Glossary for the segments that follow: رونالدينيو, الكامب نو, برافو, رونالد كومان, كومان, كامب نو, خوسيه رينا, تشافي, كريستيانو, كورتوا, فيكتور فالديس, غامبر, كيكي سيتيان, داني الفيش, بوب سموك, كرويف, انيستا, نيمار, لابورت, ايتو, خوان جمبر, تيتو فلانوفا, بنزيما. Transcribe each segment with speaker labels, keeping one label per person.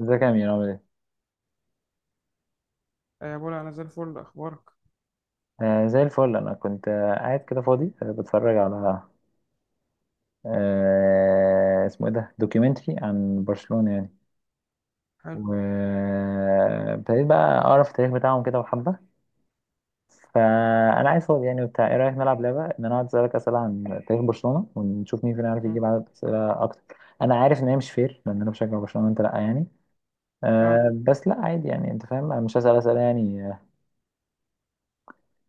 Speaker 1: ازيك يا أمير، عامل ايه؟
Speaker 2: يا بولا انا زي الفل اخبارك.
Speaker 1: زي الفل. أنا كنت قاعد كده فاضي، بتفرج على، اسمه ايه ده؟ دوكيومنتري عن برشلونة يعني.
Speaker 2: حلو.
Speaker 1: وابتديت بقى أقرأ في التاريخ بتاعهم كده وحبة. فأنا عايز فاضي يعني وبتاع، ايه رأيك نلعب لعبة إن أنا أقعد أسألك أسئلة عن تاريخ برشلونة ونشوف مين فينا عارف
Speaker 2: مم.
Speaker 1: يجيب عدد أسئلة أكتر؟ أنا عارف إن هي مش فير لأن أنا بشجع برشلونة وأنت لأ يعني.
Speaker 2: اه
Speaker 1: بس لأ، عادي يعني. أنت فاهم أنا مش هسأل أسئلة يعني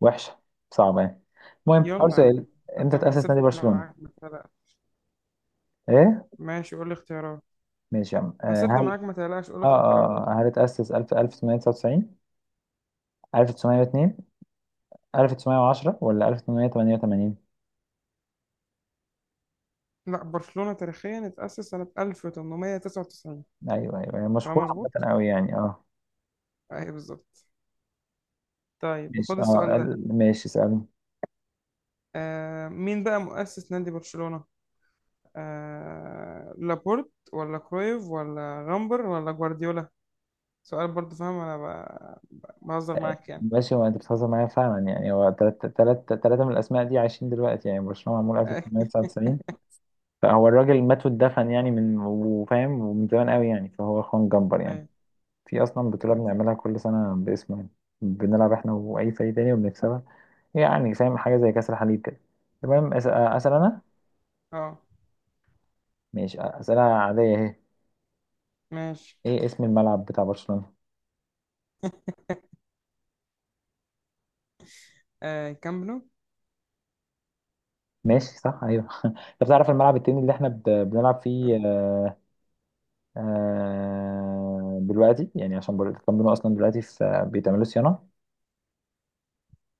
Speaker 1: وحشة، صعبة يعني. المهم، أول
Speaker 2: يلا يا
Speaker 1: سؤال:
Speaker 2: عم.
Speaker 1: امتى
Speaker 2: هسد
Speaker 1: تأسس
Speaker 2: هسد
Speaker 1: نادي
Speaker 2: معاك
Speaker 1: برشلونة؟
Speaker 2: ما تقلقش.
Speaker 1: ايه؟
Speaker 2: ماشي، قول لي اختيارات.
Speaker 1: ماشي يا عم.
Speaker 2: هسد
Speaker 1: هل
Speaker 2: معاك ما تقلقش، قول لي
Speaker 1: اه
Speaker 2: اختيارات.
Speaker 1: اه هل اتأسس 1000، 1999، 1902، 1910 ولا 1888؟
Speaker 2: لا، برشلونة تاريخيا اتأسس سنة 1899.
Speaker 1: ايوه ايوه، هي
Speaker 2: كلام
Speaker 1: مشهورة
Speaker 2: مظبوط.
Speaker 1: عامة قوي يعني اه.
Speaker 2: ايوه بالظبط. طيب
Speaker 1: ماشي
Speaker 2: خد السؤال ده.
Speaker 1: ماشي، اسألني.
Speaker 2: مين بقى مؤسس نادي برشلونة؟ لابورت ولا كرويف ولا غامبر ولا جوارديولا؟ سؤال برضه، فاهم انا بهزر معاك يعني.
Speaker 1: ماشي، هو انت بتهزر معايا فعلا يعني. هو تلاتة من الاسماء دي عايشين دلوقتي يعني. برشلونة معمول
Speaker 2: ايوه.
Speaker 1: 1899، فهو الراجل مات واتدفن يعني من وفاهم ومن زمان قوي يعني. فهو خوان جمبر يعني.
Speaker 2: أيوة،
Speaker 1: في اصلا بطولة
Speaker 2: كلام سهل.
Speaker 1: بنعملها كل سنة باسمه يعني. بنلعب احنا واي فريق تاني وبنكسبها، يعني فاهم، حاجة زي كأس الحليب كده. تمام. اسأل انا.
Speaker 2: اه
Speaker 1: ماشي، اسئلة عادية اهي.
Speaker 2: ماشي.
Speaker 1: ايه اسم الملعب بتاع برشلونة؟
Speaker 2: كامب نو.
Speaker 1: ماشي صح، ايوه انت بتعرف الملعب التاني اللي احنا بنلعب فيه دلوقتي يعني، عشان الكامب نو اصلا دلوقتي في بيتعملوا صيانة.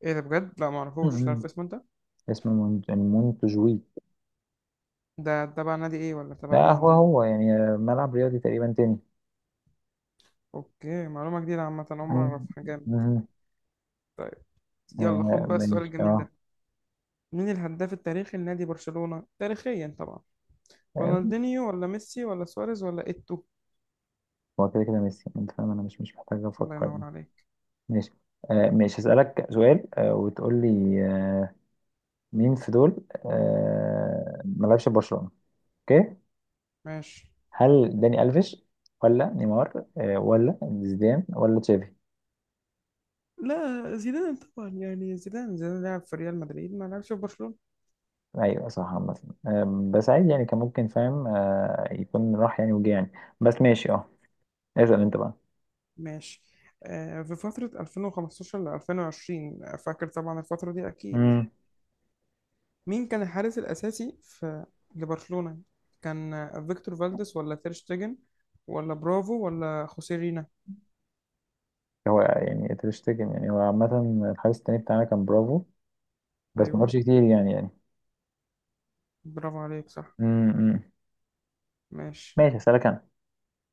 Speaker 2: ايه ده بجد، لا معرفوش،
Speaker 1: مم.
Speaker 2: تعرف اسمه انت؟
Speaker 1: اسمه مونتجوي.
Speaker 2: ده تبع نادي ايه ولا تبع
Speaker 1: لا
Speaker 2: مين
Speaker 1: هو
Speaker 2: ده؟
Speaker 1: هو يعني ملعب رياضي تقريبا تاني.
Speaker 2: اوكي، معلومة جديدة عامة عمري ما
Speaker 1: مم.
Speaker 2: اعرفها، جامد.
Speaker 1: مم.
Speaker 2: يلا خد بقى السؤال
Speaker 1: ماشي
Speaker 2: الجميل
Speaker 1: اه.
Speaker 2: ده. مين الهداف التاريخي لنادي برشلونة، تاريخيا طبعا؟ رونالدينيو ولا ميسي ولا سواريز ولا ايتو؟
Speaker 1: هو كده كده ميسي، انت فاهم، انا مش محتاج
Speaker 2: الله
Speaker 1: افكر يعني.
Speaker 2: ينور عليك.
Speaker 1: ماشي ماشي، هسألك سؤال وتقول لي مين في دول ما لعبش في برشلونة. اوكي.
Speaker 2: ماشي.
Speaker 1: هل داني الفيش، ولا نيمار، ولا زيدان، ولا تشافي؟
Speaker 2: لا، زيدان طبعا، يعني زيدان لعب في ريال مدريد ما لعبش في برشلونة.
Speaker 1: ايوه صح عامة. بس عادي يعني، كان ممكن فاهم يكون راح يعني وجه يعني. بس ماشي اه. اسأل انت بقى.
Speaker 2: ماشي. في فترة 2015 ل 2020، فاكر طبعا الفترة دي أكيد.
Speaker 1: امم،
Speaker 2: مين كان الحارس الأساسي في لبرشلونة؟ كان فيكتور فالديس ولا تير شتيجن ولا برافو ولا خوسيه رينا؟
Speaker 1: هو يعني تشتكي يعني، هو عامة الحارس التاني بتاعنا كان برافو بس ما
Speaker 2: أيوه،
Speaker 1: عملش كتير يعني يعني.
Speaker 2: برافو عليك صح.
Speaker 1: امم
Speaker 2: ماشي.
Speaker 1: ماشي، هسألك انا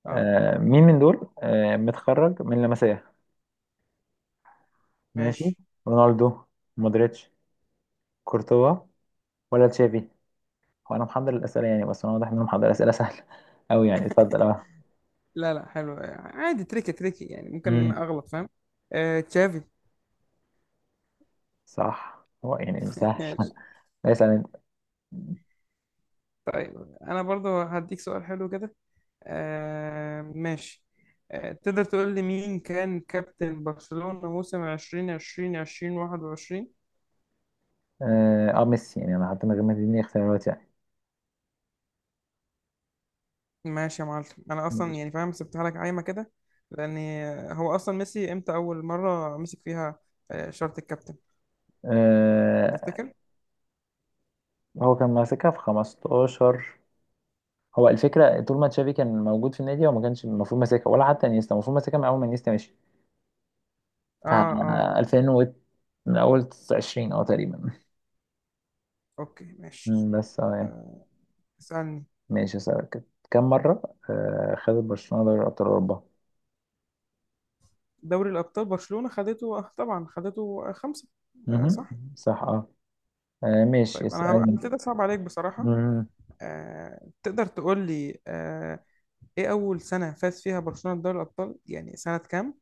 Speaker 2: اه
Speaker 1: مين من دول متخرج من لمسيه؟ ماشي.
Speaker 2: ماشي.
Speaker 1: رونالدو، مودريتش، كورتوا ولا تشافي؟ هو انا محضر الاسئله يعني، بس انا واضح ان انا محضر اسئله سهله قوي يعني، اتفضل اه.
Speaker 2: لا لا، حلو عادي، تريكي تريكي يعني ممكن
Speaker 1: مم.
Speaker 2: أغلط، فاهم. تشافي.
Speaker 1: صح، هو يعني سهل
Speaker 2: ماشي.
Speaker 1: اسال انت.
Speaker 2: طيب أنا برضو هديك سؤال حلو كده. ماشي. تقدر تقول لي مين كان كابتن برشلونة موسم 2020 2021؟
Speaker 1: اه. ميسي يعني، انا حتى من غير ما تديني اختيارات يعني.
Speaker 2: ماشي يا معلم. انا اصلا
Speaker 1: ماشي.
Speaker 2: يعني فاهم سبتها لك عايمه كده، لان هو اصلا ميسي امتى اول مره مسك فيها شارة الكابتن،
Speaker 1: آه،
Speaker 2: تفتكر؟
Speaker 1: هو كان ماسكها في 15. هو الفكره طول ما تشافي كان موجود في النادي هو ما كانش المفروض ماسكها، ولا حتى انيستا المفروض ماسكها من اول ما انيستا مشي بتاع
Speaker 2: اه، اه.
Speaker 1: 2000 و، من أول 20 تقريبا.
Speaker 2: اوكي ماشي.
Speaker 1: مم، بس أه يعني.
Speaker 2: آه، اسالني.
Speaker 1: ماشي، أسألك كده: كم مرة خدت برشلونة دوري أبطال أوروبا؟
Speaker 2: دوري الابطال برشلونه خدته، طبعا خدته خمسه. آه
Speaker 1: مهم.
Speaker 2: صح.
Speaker 1: صح أه. ماشي،
Speaker 2: طيب انا هبقى
Speaker 1: اسألني كده.
Speaker 2: هبتدي اصعب عليك بصراحه.
Speaker 1: مهم.
Speaker 2: تقدر تقول لي ايه اول سنه فاز فيها برشلونه بدوري الابطال، يعني سنه كام؟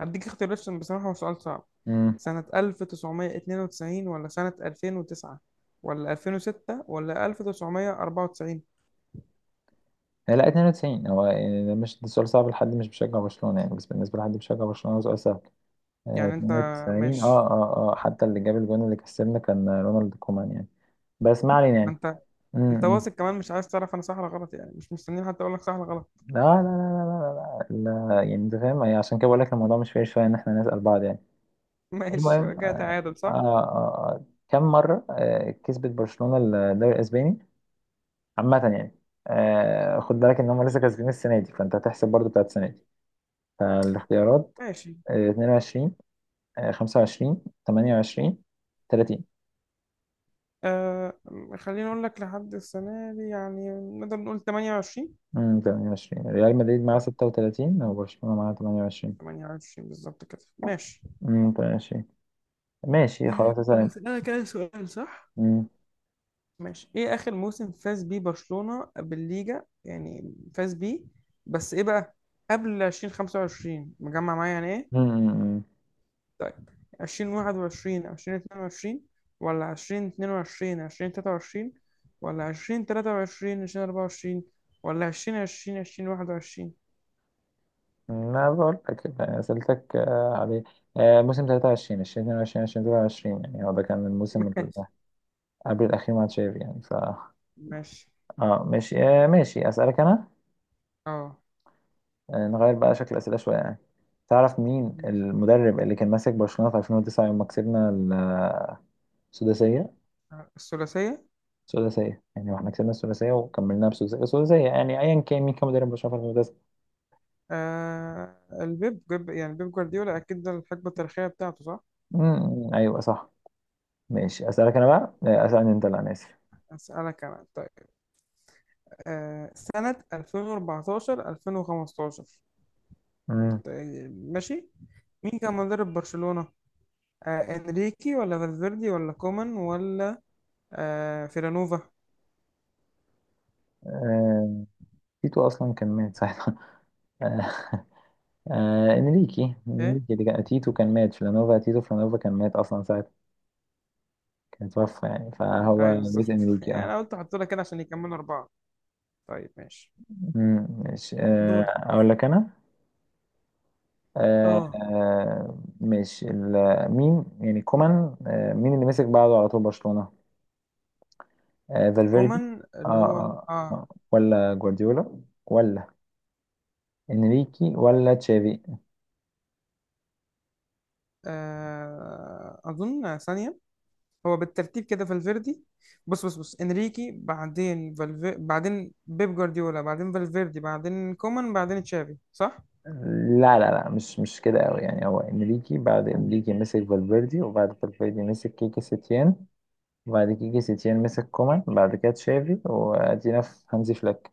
Speaker 2: هديك اختيارات عشان بصراحة هو سؤال صعب.
Speaker 1: مم.
Speaker 2: سنة 1992 ولا سنة 2009 ولا 2006 ولا 1994؟
Speaker 1: لا 92، هو يعني ده مش ده سؤال صعب لحد مش بيشجع برشلونة يعني، بس بالنسبة لحد بيشجع برشلونة هو سؤال سهل.
Speaker 2: يعني انت.
Speaker 1: 92،
Speaker 2: ماشي.
Speaker 1: حتى اللي جاب الجون اللي كسبنا كان رونالد كومان يعني. بس ما علينا
Speaker 2: ما
Speaker 1: يعني.
Speaker 2: انت.
Speaker 1: مم،
Speaker 2: انت
Speaker 1: مم.
Speaker 2: واثق كمان مش عايز تعرف انا صح ولا غلط، يعني مش مستنيين حتى اقول لك صح ولا غلط.
Speaker 1: لا لا لا لا لا، لا، لا، يعني انت فاهم يعني. عشان كده بقول لك الموضوع مش فاير شويه ان احنا نسال بعض يعني.
Speaker 2: ماشي
Speaker 1: المهم
Speaker 2: يبقى
Speaker 1: آه
Speaker 2: كده تعادل
Speaker 1: آه
Speaker 2: صح.
Speaker 1: كم مره كسبت برشلونه الدوري الاسباني عامه يعني؟ خد بالك ان هم لسه كاسبين السنه دي فانت هتحسب برضو بتاعت السنه دي. فالاختيارات:
Speaker 2: ماشي.
Speaker 1: آه 22، آه 25، 28، 30.
Speaker 2: آه خليني اقول لك لحد السنة دي يعني. نقدر نقول 28.
Speaker 1: 28، ريال مدريد معاه
Speaker 2: صح.
Speaker 1: 36 وبرشلونه معاه 28.
Speaker 2: 28 بالظبط كده، ماشي.
Speaker 1: 28. ماشي خلاص، اسال انت.
Speaker 2: هسألك أنا سؤال، صح؟
Speaker 1: امم.
Speaker 2: ماشي، ايه اخر موسم فاز بيه برشلونة بالليجا، يعني فاز بيه بس ايه بقى قبل 2025 مجمع معايا يعني، ايه؟
Speaker 1: أمم، أمم،
Speaker 2: طيب، 2021 2022 ولا 2022 2023 ولا 2023 2024 ولا 2020 2021؟
Speaker 1: ما بقول لك يعني، سألتك عليه. موسم 23، 2022 2023 يعني، هو ده كان الموسم اللي قبل الأخير مع تشافي يعني ف.
Speaker 2: ماشي.
Speaker 1: اه ماشي ماشي، أسألك أنا.
Speaker 2: اه
Speaker 1: نغير بقى شكل الأسئلة شوية يعني. تعرف مين
Speaker 2: ماشي.
Speaker 1: المدرب اللي كان ماسك برشلونة في 2009 يوم ما كسبنا السداسية؟
Speaker 2: الثلاثية.
Speaker 1: السداسية يعني، واحنا كسبنا السداسية وكملناها بسداسية، السداسية يعني. أيا كان، مين كان مدرب برشلونة في 2009؟
Speaker 2: يعني بيب جوارديولا اكيد، ده الحقبة التاريخية بتاعته صح.
Speaker 1: أمم، أيوه صح. ماشي أسألك أنا بقى أسألني أنت، لا أنا آسف.
Speaker 2: اسالك انا طيب. سنة 2014 2015. ماشي. مين كان مدرب برشلونة؟ انريكي ولا فالفيردي ولا كومان ولا فيلانوفا؟
Speaker 1: أمم. تيتو اصلا كان مات ساعتها آه، انريكي.
Speaker 2: ايه؟
Speaker 1: اللي كان تيتو كان مات، فلانوفا، تيتو فلانوفا كان مات اصلا ساعتها، كان توفى يعني، فهو
Speaker 2: ايوه
Speaker 1: مات.
Speaker 2: بالظبط.
Speaker 1: انريكي
Speaker 2: يعني
Speaker 1: اه.
Speaker 2: انا قلت احط لك كده عشان يكملوا اربعة. طيب ماشي.
Speaker 1: أمم، ماشي،
Speaker 2: دورك.
Speaker 1: اقول لك انا.
Speaker 2: اه
Speaker 1: ماشي، مين يعني كومان، مين اللي مسك بعده على طول برشلونة؟ فالفيردي،
Speaker 2: كومان
Speaker 1: آه
Speaker 2: اللي هو
Speaker 1: آه آه، ولا جوارديولا، ولا انريكي، ولا تشافي؟
Speaker 2: اظن ثانية. هو بالترتيب كده، فالفيردي. بص بص بص، انريكي بعدين بعدين بيب جوارديولا بعدين فالفيردي بعدين كومان بعدين تشافي، صح؟
Speaker 1: لا لا لا، مش كده قوي يعني. هو انريكي، بعد انريكي مسك فالفيردي، وبعد فالفيردي مسك كيكي سيتيان، وبعد كيكي سيتيان مسك كومان، بعد كده تشافي، وادينا في هانزي فليك.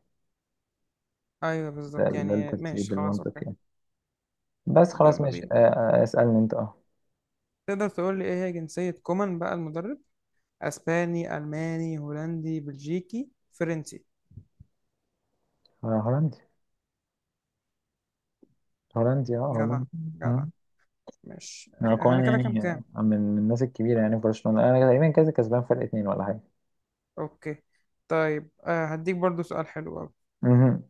Speaker 2: ايوه بالظبط
Speaker 1: ده
Speaker 2: يعني، ماشي
Speaker 1: الترتيب
Speaker 2: خلاص
Speaker 1: المنطقي
Speaker 2: اوكي.
Speaker 1: يعني. بس
Speaker 2: طب
Speaker 1: خلاص
Speaker 2: يلا
Speaker 1: ماشي.
Speaker 2: بينا.
Speaker 1: اسألني انت اه.
Speaker 2: تقدر تقول لي ايه هي جنسية كومان بقى المدرب؟ اسباني، الماني، هولندي، بلجيكي، فرنسي؟
Speaker 1: هولندي. هولندي اه
Speaker 2: جدع.
Speaker 1: هولندي.
Speaker 2: جدع.
Speaker 1: مم.
Speaker 2: ماشي انا
Speaker 1: كومان
Speaker 2: كده كام
Speaker 1: يعني
Speaker 2: كام.
Speaker 1: من الناس الكبيرة يعني في برشلونة. انا تقريبا كذا كسبان فرق اتنين ولا حاجة.
Speaker 2: اوكي طيب. هديك برضو سؤال حلو قوي.
Speaker 1: مهم.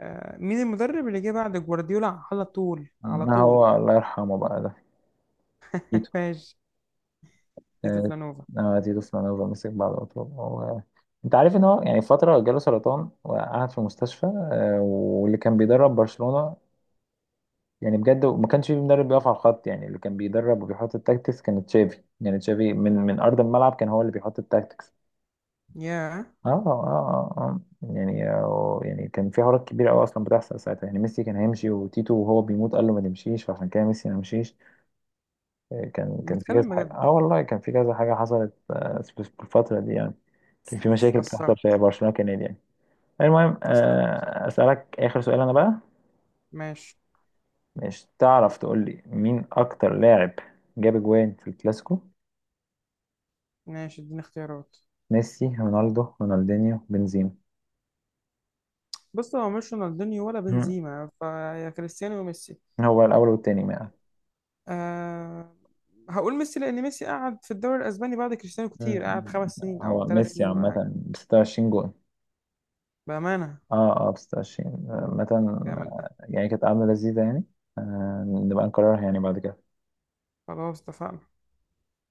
Speaker 2: مين المدرب اللي جه بعد جوارديولا على طول على
Speaker 1: ما
Speaker 2: طول؟
Speaker 1: هو الله يرحمه بقى ده. تيتو.
Speaker 2: ماشي. تيتو
Speaker 1: آه،
Speaker 2: فلانوفا.
Speaker 1: تيتو فلانوفا مسك بعد أطول. انت عارف ان هو يعني فتره جاله سرطان وقعد في المستشفى، واللي كان بيدرب برشلونه يعني بجد ما كانش في مدرب بيقف على الخط يعني. اللي كان بيدرب وبيحط التاكتكس كان تشافي يعني. تشافي من ارض الملعب كان هو اللي بيحط التاكتكس.
Speaker 2: ياه.
Speaker 1: اه اه اه آه. يعني يعني كان في حوارات كبيره قوي اصلا بتحصل ساعتها يعني. ميسي كان هيمشي، وتيتو وهو بيموت قال له ما تمشيش، فعشان كده ميسي ما مشيش. كان في كذا
Speaker 2: بتكلم
Speaker 1: حاجه
Speaker 2: بجد؟
Speaker 1: اه. والله كان في كذا حاجه حصلت في الفتره دي يعني. كان في مشاكل بتحصل في
Speaker 2: اتأثرت.
Speaker 1: برشلونه كنادي يعني. المهم
Speaker 2: اتأثرت بصراحة.
Speaker 1: أسألك آخر سؤال أنا بقى.
Speaker 2: ماشي.
Speaker 1: مش تعرف تقول لي مين أكتر لاعب جاب أجوان في الكلاسيكو؟
Speaker 2: ماشي اديني اختيارات.
Speaker 1: ميسي، رونالدو، رونالدينيو، بنزيما؟
Speaker 2: بص هو مش رونالدينيو ولا
Speaker 1: مم.
Speaker 2: بنزيما، فيا كريستيانو وميسي.
Speaker 1: هو الأول والتاني ما.
Speaker 2: أه. هقول ميسي لأن ميسي قعد في الدوري الأسباني بعد كريستيانو
Speaker 1: مم.
Speaker 2: كتير، قعد خمس سنين
Speaker 1: هو
Speaker 2: أو ثلاث
Speaker 1: ميسي
Speaker 2: سنين ولا
Speaker 1: عامة
Speaker 2: حاجة.
Speaker 1: ب 26 جون.
Speaker 2: بأمانة.
Speaker 1: اه ب 26 عامة.
Speaker 2: كامل ده.
Speaker 1: يعني كانت قعدة لذيذة يعني. نبقى نكررها يعني بعد كده.
Speaker 2: خلاص اتفقنا.